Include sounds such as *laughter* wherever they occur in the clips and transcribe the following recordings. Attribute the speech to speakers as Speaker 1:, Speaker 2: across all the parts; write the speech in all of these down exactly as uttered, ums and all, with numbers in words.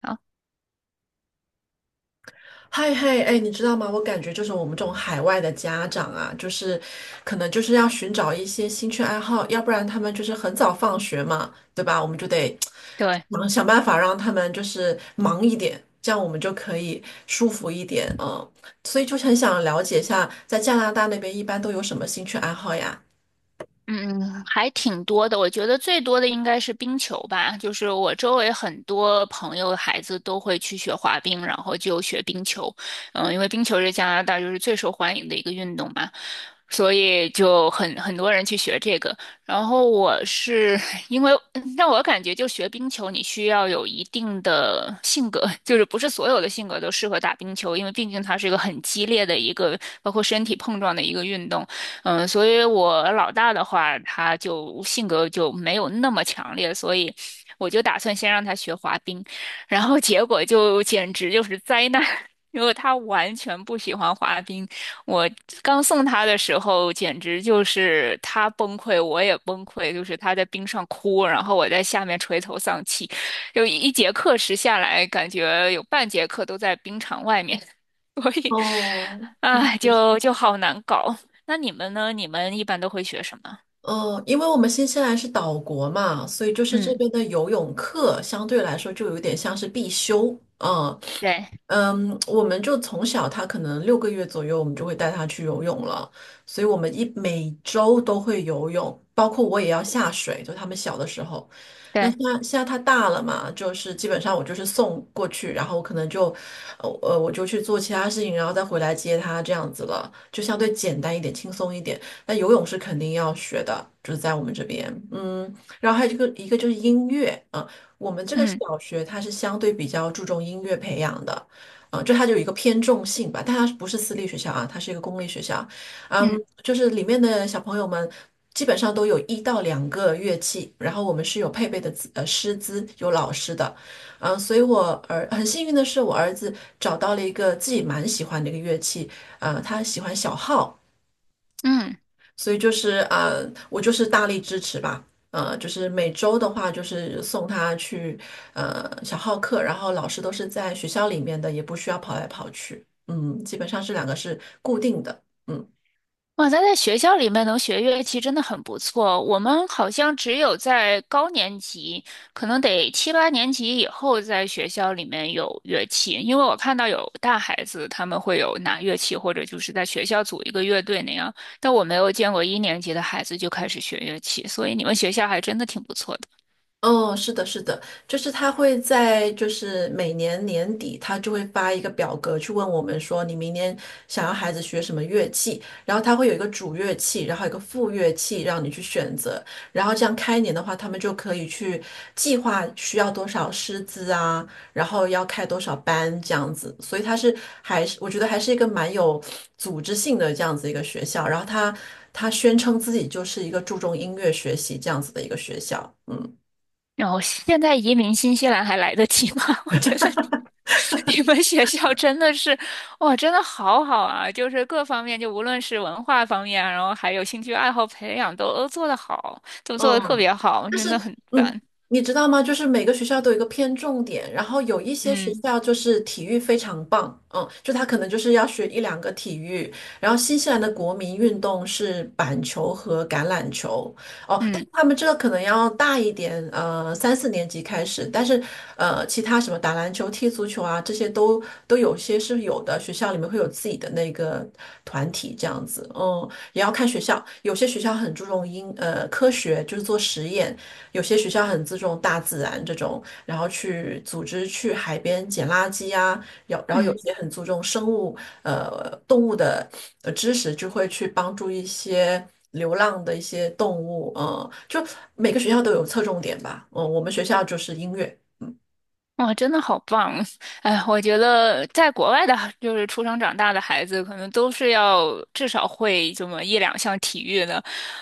Speaker 1: 啊，
Speaker 2: 嗨嗨，哎，你知道吗？我感觉就是我们这种海外的家长啊，就是可能就是要寻找一些兴趣爱好，要不然他们就是很早放学嘛，对吧？我们就得
Speaker 1: 对，
Speaker 2: 想想办法让他们就是忙一点，这样我们就可以舒服一点，嗯。所以就很想了解一下，在加拿大那边一般都有什么兴趣爱好呀？
Speaker 1: 嗯，还挺多的。我觉得最多的应该是冰球吧，就是我周围很多朋友的孩子都会去学滑冰，然后就学冰球。嗯，因为冰球是加拿大就是最受欢迎的一个运动嘛，所以就很很多人去学这个。然后我是 *laughs* 因为，嗯让我感觉就学冰球，你需要有一定的性格，*laughs* 就是不是所有的性格都适合打冰球，因为毕竟它是一个很激烈的一个，包括身体碰撞的一个运动。嗯，所以我老大的话，他就性格就没有那么强烈，所以我就打算先让他学滑冰，然后结果就简直就是灾难，*laughs* 因为他完全不喜欢滑冰。我刚送他的时候，简直就是他崩溃，我也崩溃，就是他在冰上哭，然后我在下面垂头丧气，就一节课时下来，感觉有半节课都在冰场外面。所以，
Speaker 2: 哦，那
Speaker 1: 哎，
Speaker 2: 确实。
Speaker 1: 就就好难搞。那你们呢？你们一般都会学什么？
Speaker 2: 嗯，因为我们新西兰是岛国嘛，所以就是这
Speaker 1: 嗯，
Speaker 2: 边的游泳课相对来说就有点像是必修。嗯，
Speaker 1: 对
Speaker 2: 嗯，我们就从小他可能六个月左右，我们就会带他去游泳了，所以我们一每周都会游泳，包括我也要下水，就他们小的时候。那
Speaker 1: 对，
Speaker 2: 现在现在他大了嘛，就是基本上我就是送过去，然后我可能就，呃呃，我就去做其他事情，然后再回来接他这样子了，就相对简单一点，轻松一点。那游泳是肯定要学的，就是在我们这边，嗯，然后还有一个一个就是音乐，啊，我们这个小
Speaker 1: 嗯
Speaker 2: 学它是相对比较注重音乐培养的。嗯，就它就有一个偏重性吧，但它不是私立学校啊，它是一个公立学校，
Speaker 1: 嗯
Speaker 2: 嗯，就是里面的小朋友们基本上都有一到两个乐器，然后我们是有配备的资呃师资，有老师的，嗯，所以我儿很幸运的是，我儿子找到了一个自己蛮喜欢的一个乐器，呃，他喜欢小号。
Speaker 1: 嗯，
Speaker 2: 所以就是呃，我就是大力支持吧。呃，就是每周的话，就是送他去呃小号课，然后老师都是在学校里面的，也不需要跑来跑去。嗯，基本上这两个是固定的。嗯。
Speaker 1: 哇，咱在学校里面能学乐器真的很不错。我们好像只有在高年级，可能得七八年级以后，在学校里面有乐器。因为我看到有大孩子他们会有拿乐器，或者就是在学校组一个乐队那样，但我没有见过一年级的孩子就开始学乐器，所以你们学校还真的挺不错的。
Speaker 2: 哦，是的，是的，就是他会在就是每年年底，他就会发一个表格去问我们说，你明年想要孩子学什么乐器，然后他会有一个主乐器，然后有一个副乐器让你去选择，然后这样开年的话，他们就可以去计划需要多少师资啊，然后要开多少班这样子，所以他是还是我觉得还是一个蛮有组织性的这样子一个学校，然后他他宣称自己就是一个注重音乐学习这样子的一个学校，嗯。
Speaker 1: 然后现在移民新西兰还来得及吗？*laughs* 我觉得你你们学校真的是，哇，真的好好啊！就是各方面，就无论是文化方面啊然后还有兴趣爱好培养，都都做得好，都做得特
Speaker 2: 嗯，
Speaker 1: 别好，
Speaker 2: 就
Speaker 1: 真
Speaker 2: 是
Speaker 1: 的很
Speaker 2: 嗯，
Speaker 1: 赞。
Speaker 2: 你知道吗？就是每个学校都有一个偏重点，然后有一些学
Speaker 1: 嗯
Speaker 2: 校就是体育非常棒，嗯，就他可能就是要学一两个体育，然后新西兰的国民运动是板球和橄榄球，哦，但
Speaker 1: 嗯
Speaker 2: 他们这个可能要大一点，呃，三四年级开始，但是呃，其他什么打篮球、踢足球啊，这些都都有些是有的，学校里面会有自己的那个团体这样子，嗯，也要看学校，有些学校很注重英呃科学，就是做实验，有些学校很重大自然然这种，后去去组织海边捡垃圾啊有，然后有
Speaker 1: 嗯。
Speaker 2: 些很注重生物呃动物的呃知识，就会去帮助一些流浪的一些动物，嗯，就每个学校都有侧重点吧，嗯，我们学校就是音乐
Speaker 1: 哇，真的好棒！*laughs* 哎，我觉得在国外的，就是出生长大的孩子，可能都是要至少会这么一两项体育的。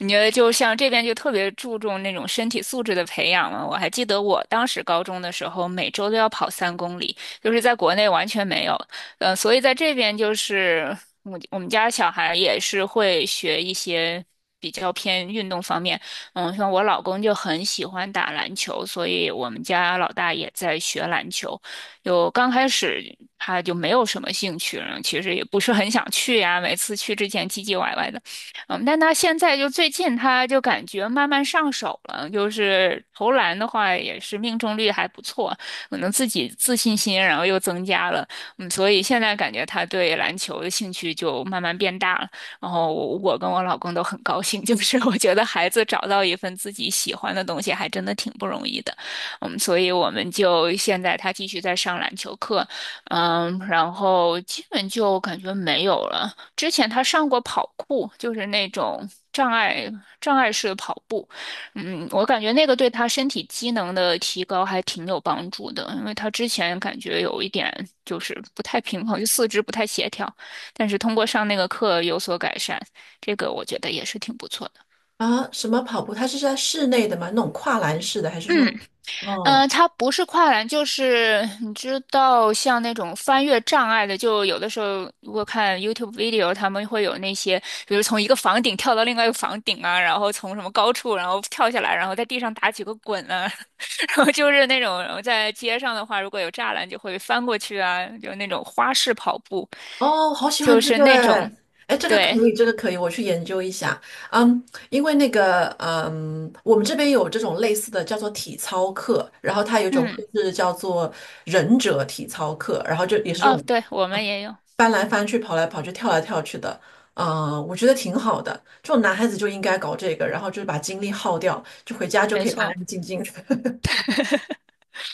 Speaker 1: 你觉得，就像这边就特别注重那种身体素质的培养嘛？我还记得我当时高中的时候，每周都要跑三公里，就是在国内完全没有。呃，所以在这边就是我我们家小孩也是会学一些比较偏运动方面。嗯，像我老公就很喜欢打篮球，所以我们家老大也在学篮球。就刚开始他就没有什么兴趣，然后其实也不是很想去呀，每次去之前唧唧歪歪的。嗯，但他现在就最近他就感觉慢慢上手了，就是投篮的话也是命中率还不错，可能自己自信心然后又增加了。嗯，所以现在感觉他对篮球的兴趣就慢慢变大了。然后我跟我老公都很高兴，就是我觉得孩子找到一份自己喜欢的东西，还真的挺不容易的。嗯，所以我们就现在他继续在上篮球课，嗯，然后基本就感觉没有了。之前他上过跑酷，就是那种障碍障碍式跑步，嗯，我感觉那个对他身体机能的提高还挺有帮助的，因为他之前感觉有一点就是不太平衡，就四肢不太协调。但是通过上那个课有所改善，这个我觉得也是挺不错的。
Speaker 2: 啊，什么跑步，它是在室内的吗？那种跨栏式的，还是
Speaker 1: 嗯，
Speaker 2: 说，嗯。
Speaker 1: 呃，它不是跨栏，就是你知道，像那种翻越障碍的，就有的时候如果看 YouTube video，他们会有那些，比如从一个房顶跳到另外一个房顶啊，然后从什么高处然后跳下来，然后在地上打几个滚啊，*laughs* 然后就是那种，然后在街上的话，如果有栅栏就会翻过去啊，就那种花式跑步，
Speaker 2: 哦，好喜欢
Speaker 1: 就
Speaker 2: 这
Speaker 1: 是
Speaker 2: 个
Speaker 1: 那
Speaker 2: 哎，
Speaker 1: 种，
Speaker 2: 哎，这个
Speaker 1: 对，
Speaker 2: 可以，这个可以，我去研究一下。嗯，因为那个，嗯，我们这边有这种类似的叫做体操课，然后它有一种课
Speaker 1: 嗯，
Speaker 2: 是叫做忍者体操课，然后就也是这
Speaker 1: 哦，
Speaker 2: 种
Speaker 1: 对，我们也有。
Speaker 2: 翻来翻去、跑来跑去、跳来跳去的。嗯，我觉得挺好的，这种男孩子就应该搞这个，然后就是把精力耗掉，就回家就
Speaker 1: 没
Speaker 2: 可以安
Speaker 1: 错，
Speaker 2: 安静静的。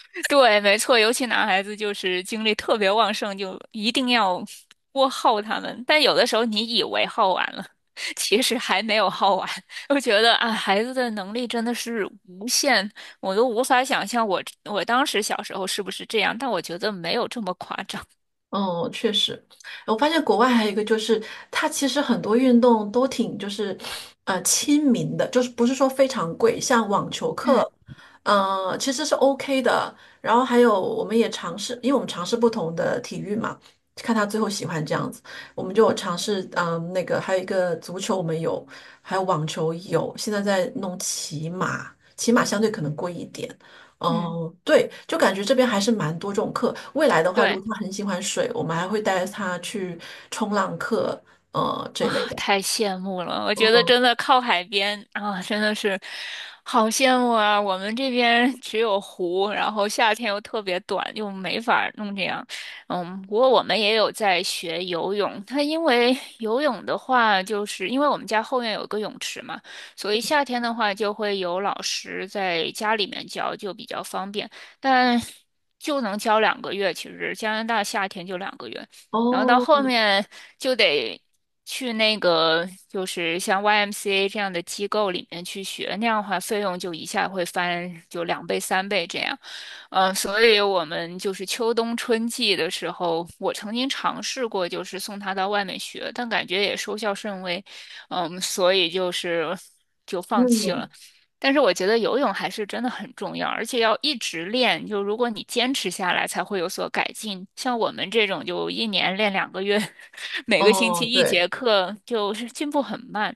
Speaker 1: *laughs* 对，没错，尤其男孩子就是精力特别旺盛，就一定要多耗他们。但有的时候你以为耗完了，*laughs* 其实还没有耗完。*laughs* 我觉得啊，孩子的能力真的是无限，我都无法想象我我当时小时候是不是这样，但我觉得没有这么夸张。
Speaker 2: 哦，确实，我发现国外还有一个就是，它其实很多运动都挺就是，呃，亲民的，就是不是说非常贵，像网球
Speaker 1: 嗯
Speaker 2: 课，呃，其实是 OK 的。然后还有我们也尝试，因为我们尝试不同的体育嘛，看他最后喜欢这样子，我们就有尝试，嗯、那个还有一个足球我们有，还有网球有，现在在弄骑马，骑马相对可能贵一点。
Speaker 1: 嗯，
Speaker 2: 哦，对，就感觉这边还是蛮多这种课。未来的话，如
Speaker 1: 对。
Speaker 2: 果他很喜欢水，我们还会带他去冲浪课，呃，这类
Speaker 1: 啊，
Speaker 2: 的。
Speaker 1: 太羡慕了！我觉得
Speaker 2: 嗯，
Speaker 1: 真的靠海边啊，真的是好羡慕啊。我们这边 *laughs* 只有湖，然后夏天又特别短，又没法儿弄这样。嗯，不过我们也有在学游泳。它因为游泳的话，就是因为我们家后院有个泳池嘛，所以夏天的话就会有老师在家里面教，就比较方便。但 *laughs* 就能教两个月，其实加拿大夏天就两个月。然后到后
Speaker 2: 哦，
Speaker 1: 面就得去那个，就是像 Y M C A 这样的机构里面去学，那样的话费用就一下会翻就两倍、三倍这样。嗯，所以我们就是秋冬春季的时候，我曾经尝试过，就是送他到外面学，但感觉也收效甚微，嗯，所以就是就放弃
Speaker 2: 嗯，
Speaker 1: 了。但是我觉得游泳还是真的很重要，而且要一直练，就如果你坚持下来，才会有所改进。像我们这种就一年练两个月，*laughs* 每个星
Speaker 2: 哦，
Speaker 1: 期一
Speaker 2: 对，
Speaker 1: 节课，就是进步很慢。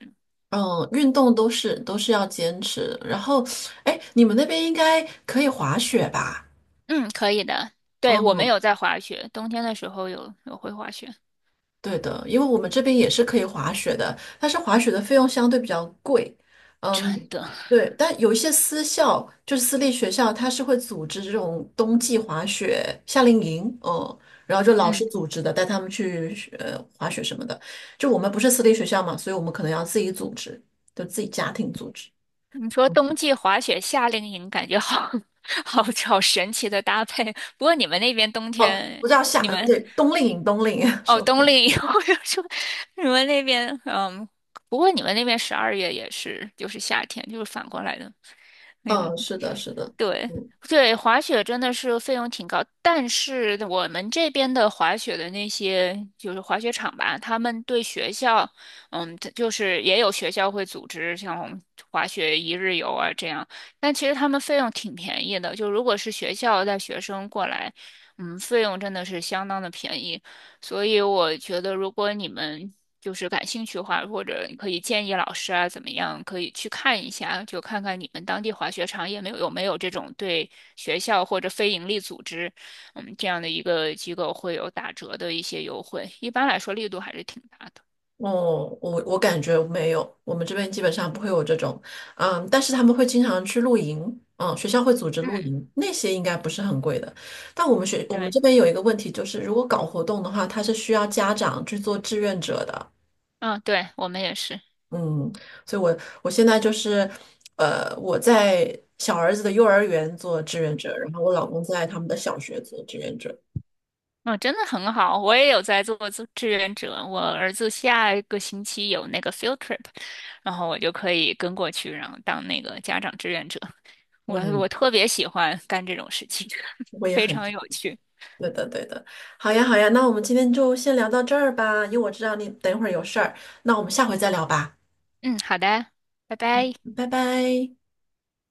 Speaker 2: 嗯，运动都是都是要坚持。然后，哎，你们那边应该可以滑雪吧？
Speaker 1: 嗯，可以的。对，我们
Speaker 2: 嗯，
Speaker 1: 有在滑雪，冬天的时候有有会滑雪，
Speaker 2: 对的，因为我们这边也是可以滑雪的，但是滑雪的费用相对比较贵。
Speaker 1: 真
Speaker 2: 嗯，
Speaker 1: 的，
Speaker 2: 对，但有一些私校，就是私立学校，它是会组织这种冬季滑雪夏令营，嗯，然后就老师
Speaker 1: 嗯。
Speaker 2: 组织的，带他们去呃滑雪什么的。就我们不是私立学校嘛，所以我们可能要自己组织，就自己家庭组织。
Speaker 1: 你说冬
Speaker 2: 嗯
Speaker 1: 季滑雪、夏令营，感觉好 *laughs* 好好神奇的搭配。不过你们那边冬
Speaker 2: 哦，
Speaker 1: 天，
Speaker 2: 不叫夏，
Speaker 1: 你
Speaker 2: 嗯
Speaker 1: 们
Speaker 2: 对，冬令营，冬令营，*laughs*
Speaker 1: 哦
Speaker 2: 说
Speaker 1: 冬
Speaker 2: 错，
Speaker 1: 令营，*laughs* 我就说你们那边嗯，不过你们那边十二月也是就是夏天，就是反过来的那种。
Speaker 2: 嗯，是的，是的，
Speaker 1: 对
Speaker 2: 嗯。
Speaker 1: 对，滑雪真的是费用挺高，但是我们这边的滑雪的那些就是滑雪场吧，他们对学校，嗯，它就是也有学校会组织像滑雪一日游啊这样，但其实他们费用挺便宜的，就如果是学校带学生过来，嗯，费用真的是相当的便宜。所以我觉得，如果你们就是感兴趣的话，或者你可以建议老师啊，怎么样，可以去看一下，就看看你们当地滑雪场也没有有没有这种对学校或者非盈利组织，嗯，这样的一个机构会有打折的一些优惠。一般来说，力度还是挺大的。
Speaker 2: 哦，我我感觉没有，我们这边基本上不会有这种，嗯，但是他们会经常去露营，嗯，学校会组织露
Speaker 1: 嗯，
Speaker 2: 营，那些应该不是很贵的。但我们学我们
Speaker 1: 对，
Speaker 2: 这边有一个问题，就是如果搞活动的话，它是需要家长去做志愿者的，
Speaker 1: 嗯，对，我们也是。
Speaker 2: 嗯，所以我我现在就是，呃，我在小儿子的幼儿园做志愿者，然后我老公在他们的小学做志愿者，
Speaker 1: 嗯，真的很好，我也有在做志志愿者。我儿子下一个星期有那个 field trip，然后我就可以跟过去，然后当那个家长志愿者。我我
Speaker 2: 嗯，
Speaker 1: 特别喜欢干这种事情，
Speaker 2: 我
Speaker 1: *laughs*
Speaker 2: 也
Speaker 1: 非
Speaker 2: 很。
Speaker 1: 常有趣。
Speaker 2: 对的，对的。好呀，好呀，那我们今天就先聊到这儿吧，因为我知道你等一会儿有事儿，那我们下回再聊吧，
Speaker 1: 嗯，好的，拜拜。
Speaker 2: 拜拜。